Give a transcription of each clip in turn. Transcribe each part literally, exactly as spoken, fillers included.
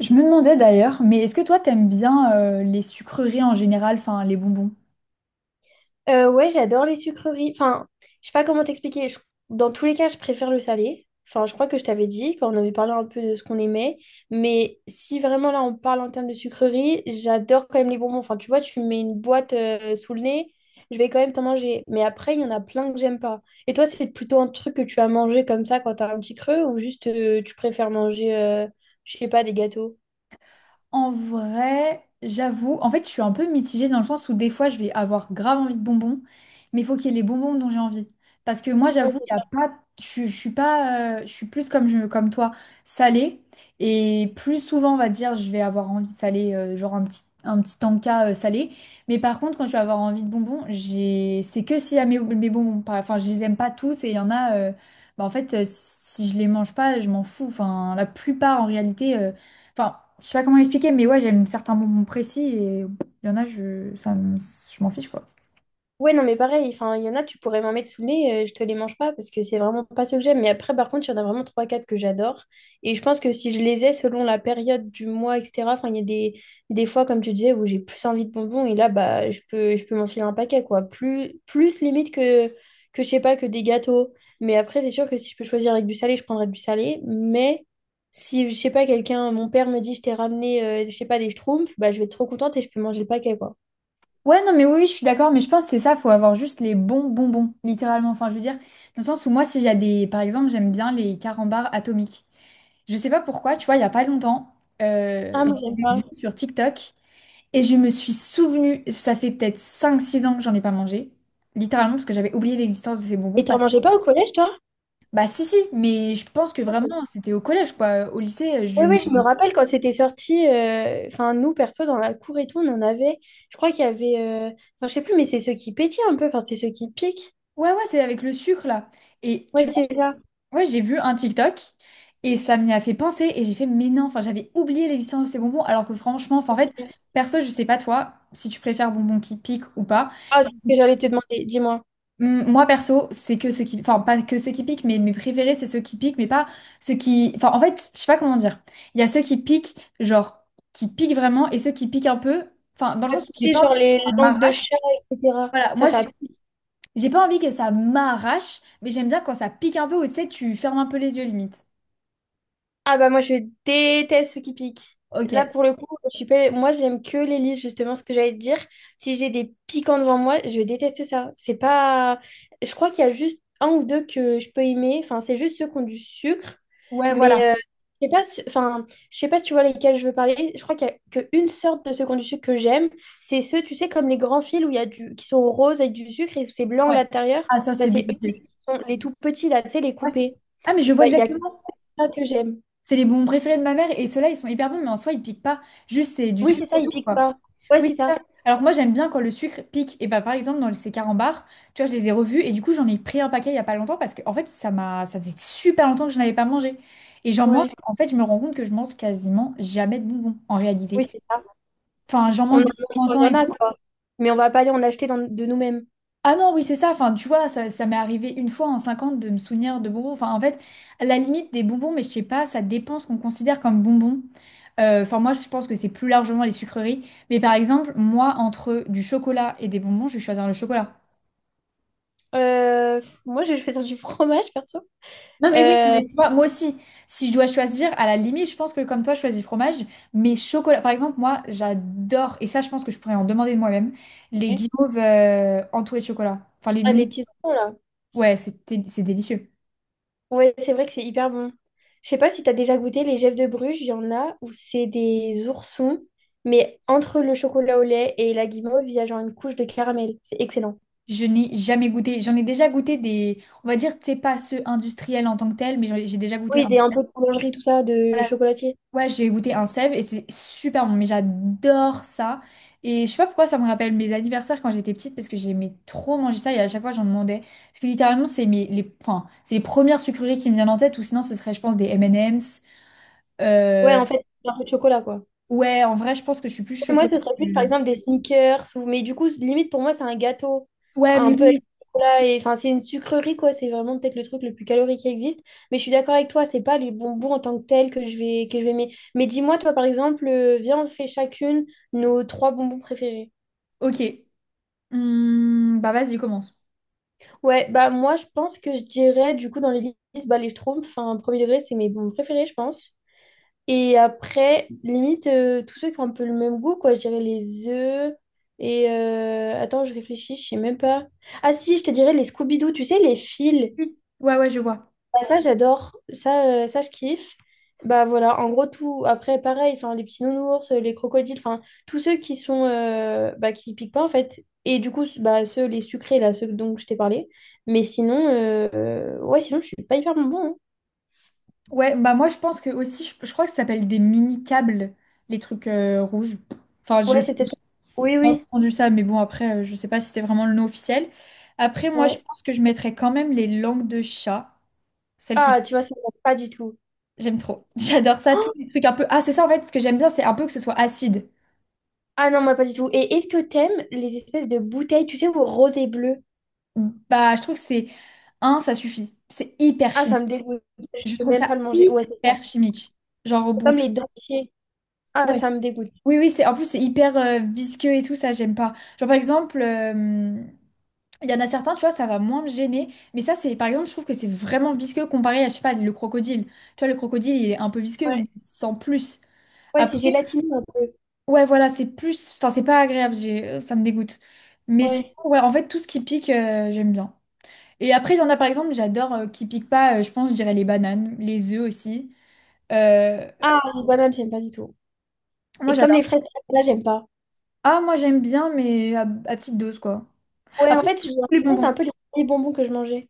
Je me demandais d'ailleurs, mais est-ce que toi t'aimes bien euh, les sucreries en général, enfin les bonbons? Euh, ouais, j'adore les sucreries. Enfin, je sais pas comment t'expliquer. Je- Dans tous les cas, je préfère le salé. Enfin, je crois que je t'avais dit quand on avait parlé un peu de ce qu'on aimait. Mais si vraiment là, on parle en termes de sucreries, j'adore quand même les bonbons. Enfin, tu vois, tu me mets une boîte euh, sous le nez, je vais quand même t'en manger. Mais après, il y en a plein que j'aime pas. Et toi, c'est plutôt un truc que tu as mangé comme ça quand t'as un petit creux ou juste euh, tu préfères manger, euh, je sais pas, des gâteaux? En vrai, j'avoue, en fait, je suis un peu mitigée dans le sens où des fois, je vais avoir grave envie de bonbons, mais il faut qu'il y ait les bonbons dont j'ai envie. Parce que moi, j'avoue, il y a pas, je, je suis pas, euh, je suis plus comme, je, comme toi, salée. Et plus souvent, on va dire, je vais avoir envie de salé, euh, genre un petit, un petit tanka euh, salé. Mais par contre, quand je vais avoir envie de bonbons, j'ai, c'est que s'il y a mes, mes bonbons. Par- Enfin, je les aime pas tous et il y en a, euh, bah, en fait, euh, si je les mange pas, je m'en fous. Enfin, la plupart, en réalité. euh, Enfin, je sais pas comment expliquer, mais ouais, j'aime certains moments précis et il y en a, je, ça me- je m'en fiche, quoi. Ouais, non, mais pareil, enfin, il y en a, tu pourrais m'en mettre sous le nez, euh, je te les mange pas parce que c'est vraiment pas ce que j'aime. Mais après, par contre, il y en a vraiment trois quatre que j'adore. Et je pense que si je les ai selon la période du mois, et cetera, enfin, il y a des, des fois, comme tu disais, où j'ai plus envie de bonbons et là, bah, je peux, je peux m'enfiler un paquet, quoi. Plus, plus limite que, que, je sais pas, que des gâteaux. Mais après, c'est sûr que si je peux choisir avec du salé, je prendrais du salé. Mais si, je sais pas, quelqu'un, mon père me dit, je t'ai ramené, euh, je sais pas, des schtroumpfs, bah, je vais être trop contente et je peux manger le paquet, quoi. Ouais, non, mais oui, oui, je suis d'accord, mais je pense que c'est ça, faut avoir juste les bons bonbons, littéralement. Enfin, je veux dire, dans le sens où moi, si j'ai des. Par exemple, j'aime bien les carambars atomiques. Je sais pas pourquoi, tu vois, il y a pas longtemps, euh, Ah, je moi, j'aime les ai vus pas. sur TikTok et je me suis souvenue. Ça fait peut-être cinq six ans que j'en ai pas mangé, littéralement, parce que j'avais oublié l'existence de ces bonbons. Et t'en Parce que... mangeais pas au collège, toi? Bah, si, si, mais je pense que Oui, vraiment, c'était au collège, quoi. Au lycée, je. oui, je me rappelle quand c'était sorti, euh, enfin nous, perso, dans la cour et tout, on en avait, je crois qu'il y avait, euh, enfin je sais plus, mais c'est ceux qui pétillent un peu, enfin c'est ceux qui piquent. Ouais, ouais, c'est avec le sucre là. Et Ouais, tu vois, c'est ça. ouais, j'ai vu un TikTok et ça m'y a fait penser et j'ai fait, mais non, enfin, j'avais oublié l'existence de ces bonbons alors que franchement, enfin, en fait, perso, je sais pas toi si tu préfères bonbons qui piquent ou pas. Ah, c'est ce que j'allais te demander, dis-moi. Hum, Moi, perso, c'est que ceux qui, enfin, pas que ceux qui piquent, mais mes préférés, c'est ceux qui piquent, mais pas ceux qui, enfin, en fait, je sais pas comment dire. Il y a ceux qui piquent, genre, qui piquent vraiment et ceux qui piquent un peu, enfin, dans le sens Ouais, où j'ai tu pas sais, envie genre que les ça langues de m'arrache. chat, et cetera. Voilà, Ça, moi, je ça a. J'ai pas envie que ça m'arrache, mais j'aime bien quand ça pique un peu ou tu sais, tu fermes un peu les yeux limite. Ah bah moi je déteste ceux qui piquent. Là Ok. pour le coup, je suis pas, moi j'aime que les lys, justement ce que j'allais te dire. Si j'ai des piquants devant moi, je déteste ça. C'est pas, je crois qu'il y a juste un ou deux que je peux aimer, enfin c'est juste ceux qui ont du sucre, Ouais, voilà. mais euh, je sais pas si- enfin je sais pas si tu vois lesquels je veux parler. Je crois qu'il y a qu'une sorte de ceux qui ont du sucre que j'aime, c'est ceux tu sais comme les grands fils où il y a du qui sont roses avec du sucre et c'est blanc à Ouais. l'intérieur, Ah, ça, bah c'est c'est eux, délicieux. les les tout petits là, tu sais les Ouais. coupés. Ah, mais je Et vois bah, il y a que exactement. ça que j'aime. C'est les bonbons préférés de ma mère et ceux-là, ils sont hyper bons, mais en soi, ils piquent pas. Juste, c'est du Oui, c'est sucre ça, ils autour, piquent quoi. pas. Ouais, Oui, c'est c'est ça. ça. Alors que moi, j'aime bien quand le sucre pique. Et bah, par exemple, dans ces carambars, tu vois, je les ai revus et du coup, j'en ai pris un paquet il y a pas longtemps parce que, en fait, ça m'a... ça faisait super longtemps que je n'avais pas mangé. Et j'en mange, Ouais. en fait, je me rends compte que je mange quasiment jamais de bonbons en réalité. Oui, c'est ça. Enfin, j'en On mange de temps en en Il temps y en et a, tout. quoi. Mais on va pas aller en acheter dans- de nous-mêmes. Ah non, oui, c'est ça. Enfin, tu vois, ça, ça m'est arrivé une fois en cinquante de me souvenir de bonbons. Enfin, en fait, à la limite des bonbons, mais je sais pas, ça dépend ce qu'on considère comme bonbons. Euh, Enfin, moi, je pense que c'est plus largement les sucreries. Mais par exemple, moi, entre du chocolat et des bonbons, je vais choisir le chocolat. Euh, pff, moi, je vais faire du fromage, perso. Non, mais oui, non, Euh, mais tu vois, moi aussi, si je dois choisir, à la limite, je pense que comme toi, je choisis fromage, mais chocolat. Par exemple, moi, j'adore, et ça, je pense que je pourrais en demander de moi-même, les guimauves euh, entourées de chocolat. Enfin, les ah, noix. les petits oignons, là. Ouais, c'était, c'est délicieux. Ouais, c'est vrai que c'est hyper bon. Je sais pas si t'as déjà goûté les Gèves de Bruges, il y en a où c'est des oursons, mais entre le chocolat au lait et la guimauve, il y a genre une couche de caramel. C'est excellent. Je n'ai jamais goûté. J'en ai déjà goûté des. On va dire, tu sais, pas ceux industriels en tant que tel, mais j'en ai- j'ai déjà goûté un. Oui, des un peu de boulangerie, tout ça, de Voilà. chocolatier. Ouais, j'ai goûté un sève et c'est super bon. Mais j'adore ça. Et je sais pas pourquoi ça me rappelle mes anniversaires quand j'étais petite parce que j'aimais trop manger ça et à chaque fois j'en demandais. Parce que littéralement, c'est mes, les, enfin, c'est les premières sucreries qui me viennent en tête ou sinon ce serait, je pense, des M and M's. Ouais, en fait, c'est un peu de chocolat, quoi. Ouais, en vrai, je pense que je suis plus Ouais, moi, chocolat. ce serait plus, par que-. exemple, des sneakers. Ou... Mais du coup, c- limite, pour moi, c'est un gâteau. Ouais, mais Un peu avec oui, du chocolat et, enfin, c'est une sucrerie, quoi. C'est vraiment peut-être le truc le plus calorique qui existe. Mais je suis d'accord avec toi, c'est pas les bonbons en tant que tels que je vais, que je vais aimer. Mais dis-moi, toi, par exemple, euh, viens, on fait chacune nos trois bonbons préférés. ok. Hmm, bah vas-y, commence. Ouais, bah moi, je pense que je dirais, du coup, dans les listes, bah, les Schtroumpfs, enfin, premier degré, c'est mes bonbons préférés, je pense. Et après, limite, euh, tous ceux qui ont un peu le même goût, quoi. Je dirais les œufs. Et euh, attends, je réfléchis, je sais même pas. Ah si, je te dirais les Scooby-Doo, tu sais, les fils. Oui. Ouais, ouais, je vois. Ah, ça, j'adore. Ça, euh, ça, je kiffe. Bah voilà, en gros, tout. Après, pareil, enfin, les petits nounours, les crocodiles, enfin, tous ceux qui sont, euh, bah, qui piquent pas, en fait. Et du coup, bah, ceux, les sucrés, là, ceux dont je t'ai parlé. Mais sinon, euh, euh, ouais, sinon, je suis pas hyper bonbon, hein. Ouais, bah moi, je pense que aussi, je, je crois que ça s'appelle des mini-câbles, les trucs euh, rouges. Enfin, je Ouais, sais, c'est peut-être ça. j'ai Oui, pas oui, entendu ça, mais bon, après, euh, je sais pas si c'est vraiment le nom officiel. Après, moi, je ouais. pense que je mettrais quand même les langues de chat, celles qui... Ah, tu vois, ça ne pas du tout. J'aime trop. J'adore ça, tous Oh. les trucs un peu... Ah, c'est ça, en fait, ce que j'aime bien, c'est un peu que ce soit acide. Ah non, moi pas du tout. Et est-ce que t'aimes les espèces de bouteilles, tu sais, au rosé bleu? Bah, je trouve que c'est... Un, ça suffit. C'est hyper Ah, ça chimique. me dégoûte. Je Je peux trouve même ça pas le manger. Ouais, c'est ça. hyper chimique. Genre au C'est comme bout. les dentiers. Ah, Ouais. ça me dégoûte. Oui, oui, c'est en plus c'est hyper euh, visqueux et tout, ça j'aime pas. Genre par exemple, euh, il y en a certains, tu vois, ça va moins me gêner. Mais ça, c'est par exemple, je trouve que c'est vraiment visqueux comparé à, je sais pas, le crocodile. Tu vois, le crocodile, il est un peu visqueux, mais Ouais, sans plus. ouais, c'est Après, gélatineux un peu. ouais, voilà, c'est plus. Enfin, c'est pas agréable, j'ai- euh, ça me dégoûte. Mais sinon, Ouais. ouais, en fait, tout ce qui pique, euh, j'aime bien. Et après, il y en a par exemple, j'adore euh, qui pique pas, euh, je pense, je dirais les bananes, les œufs aussi. Euh, Ah, les bananes, j'aime pas du tout. Moi, Et comme les j'adore. fraises, là, j'aime pas. Ah, moi j'aime bien, mais à, à petite dose, quoi. Ouais, en Après, fait, j'ai les l'impression que c'est bonbons. un peu les premiers bonbons que je mangeais.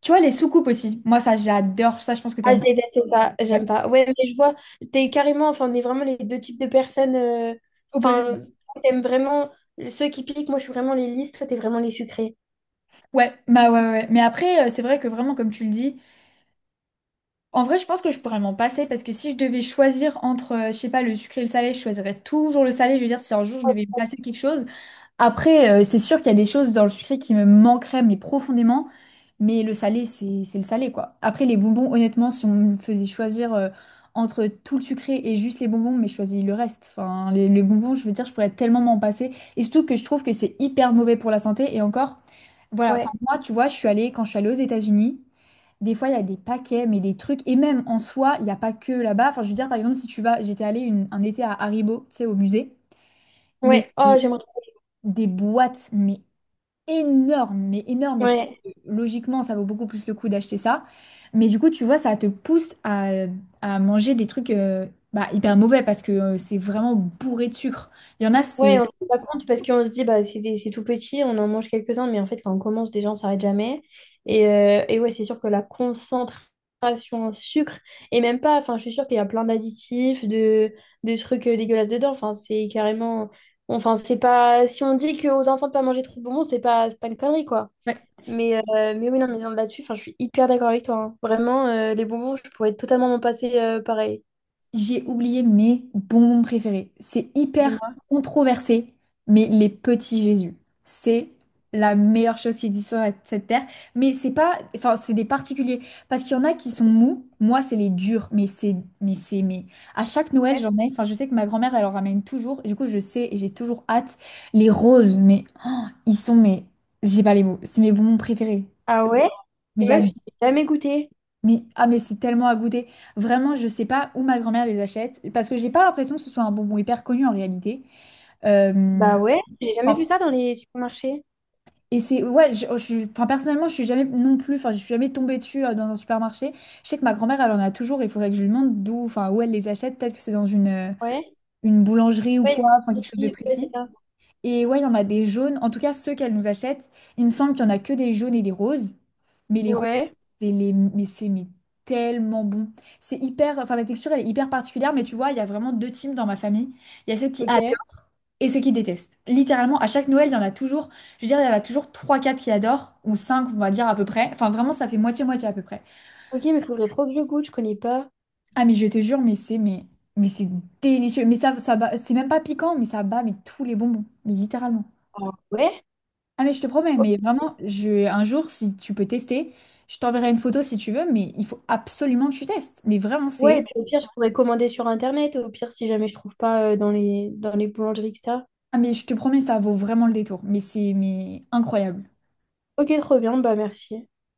Tu vois, les soucoupes aussi. Moi, ça, j'adore. Ça, je pense que Ah, je t'aimes. déteste ça. Ouais, J'aime pas. Ouais, mais je vois, t'es carrément, enfin, on est vraiment les deux types de personnes, euh, opposé. enfin, t'aimes vraiment ceux qui piquent. Moi, je suis vraiment les lisses. Toi, t'es vraiment les sucrés. Ouais, bah ouais, ouais. Ouais. Mais après, euh, c'est vrai que vraiment, comme tu le dis, en vrai, je pense que je pourrais m'en passer parce que si je devais choisir entre, euh, je sais pas, le sucré et le salé, je choisirais toujours le salé. Je veux dire, si un jour je devais me passer quelque chose. Après, euh, c'est sûr qu'il y a des choses dans le sucré qui me manqueraient, mais profondément. Mais le salé, c'est c'est le salé, quoi. Après, les bonbons, honnêtement, si on me faisait choisir euh, entre tout le sucré et juste les bonbons, mais je choisis le reste. Enfin, les, les bonbons, je veux dire, je pourrais tellement m'en passer. Et surtout que je trouve que c'est hyper mauvais pour la santé. Et encore, voilà, enfin, Ouais. moi, tu vois, je suis allée, quand je suis allée aux États-Unis, des fois, il y a des paquets, mais des trucs. Et même en soi, il n'y a pas que là-bas. Enfin, je veux dire, par exemple, si tu vas, j'étais allée une- un été à Haribo, tu sais, au musée. Mais Ouais. Oh, des, j'aimerais. des boîtes, mais énorme, mais énorme. Et je pense Ouais, que logiquement, ça vaut beaucoup plus le coup d'acheter ça. Mais du coup, tu vois, ça te pousse à, à manger des trucs euh, bah, hyper mauvais parce que euh, c'est vraiment bourré de sucre. Il y en a, ouais, c'est... on se rend pas compte parce qu'on se dit bah c'est des- c'est tout petit, on en mange quelques-uns, mais en fait quand on commence déjà on s'arrête jamais. Et, euh, et ouais, c'est sûr que la concentration en sucre, et même pas, enfin je suis sûre qu'il y a plein d'additifs, de, de trucs euh, dégueulasses dedans. Enfin, c'est carrément. Enfin, c'est pas. Si on dit qu'aux enfants de pas manger trop de bonbons, c'est pas, c'est pas une connerie, quoi. ouais. Mais, euh, mais oui, non, mais là-dessus, enfin, je suis hyper d'accord avec toi, hein. Vraiment, euh, les bonbons, je pourrais totalement m'en passer euh, pareil. J'ai oublié mes bonbons préférés. C'est Du hyper moins. controversé, mais les petits Jésus, c'est la meilleure chose qui existe sur la- cette terre. Mais c'est pas, enfin, c'est des particuliers parce qu'il y en a qui sont mous. Moi, c'est les durs, mais c'est, mais c'est, mais à chaque Noël, j'en ai. Enfin, je sais que ma grand-mère, elle en ramène toujours. Du coup, je sais et j'ai toujours hâte. Les roses, mais oh, ils sont, mais j'ai pas les mots. C'est mes bonbons préférés. Ah ouais? Mais Et meuf, j'adore. j'ai jamais goûté. Mais, ah mais c'est tellement à goûter. Vraiment, je sais pas où ma grand-mère les achète parce que j'ai pas l'impression que ce soit un bonbon hyper connu en réalité. Euh, Bah ouais, j'ai jamais vu enfin, ça dans les supermarchés. et c'est ouais, je, je- enfin, personnellement, je suis jamais non plus, enfin, je suis jamais tombée dessus euh, dans un supermarché. Je sais que ma grand-mère, elle en a toujours. Il faudrait que je lui demande d'où, enfin, où elle les achète. Peut-être que c'est dans une euh, Ouais. une boulangerie ou Ouais, quoi, enfin quelque chose de il- ouais, c'est précis. ça. Et ouais, il y en a des jaunes. En tout cas, ceux qu'elle nous achète, il me semble qu'il n'y en a que des jaunes et des roses. Mais les roses, Ouais. c'est les... mais c'est mais tellement bon. C'est hyper... Enfin, la texture, elle est hyper particulière. Mais tu vois, il y a vraiment deux teams dans ma famille. Il y a ceux qui Ok. adorent et ceux qui détestent. Littéralement, à chaque Noël, il y en a toujours... Je veux dire, il y en a toujours trois, quatre qui adorent. Ou cinq, on va dire, à peu près. Enfin, vraiment, ça fait moitié-moitié à peu près. Ok, mais faudrait trop que je goûte, je connais pas. Ah, mais je te jure, mais c'est... Mais, mais c'est délicieux. Mais ça, ça bat- C'est même pas piquant, mais ça bat mais tous les bonbons. Mais littéralement. Ah ouais. Ah mais je te promets, Oh, mais vraiment, je, un jour, si tu peux tester, je t'enverrai une photo si tu veux, mais il faut absolument que tu testes. Mais vraiment, ouais, et c'est... puis au pire, je pourrais commander sur Internet, au pire, si jamais je trouve pas euh, dans les, dans les boulangeries, et cetera. Ah mais je te promets, ça vaut vraiment le détour. Mais c'est mais incroyable. Ok, trop bien, bah merci.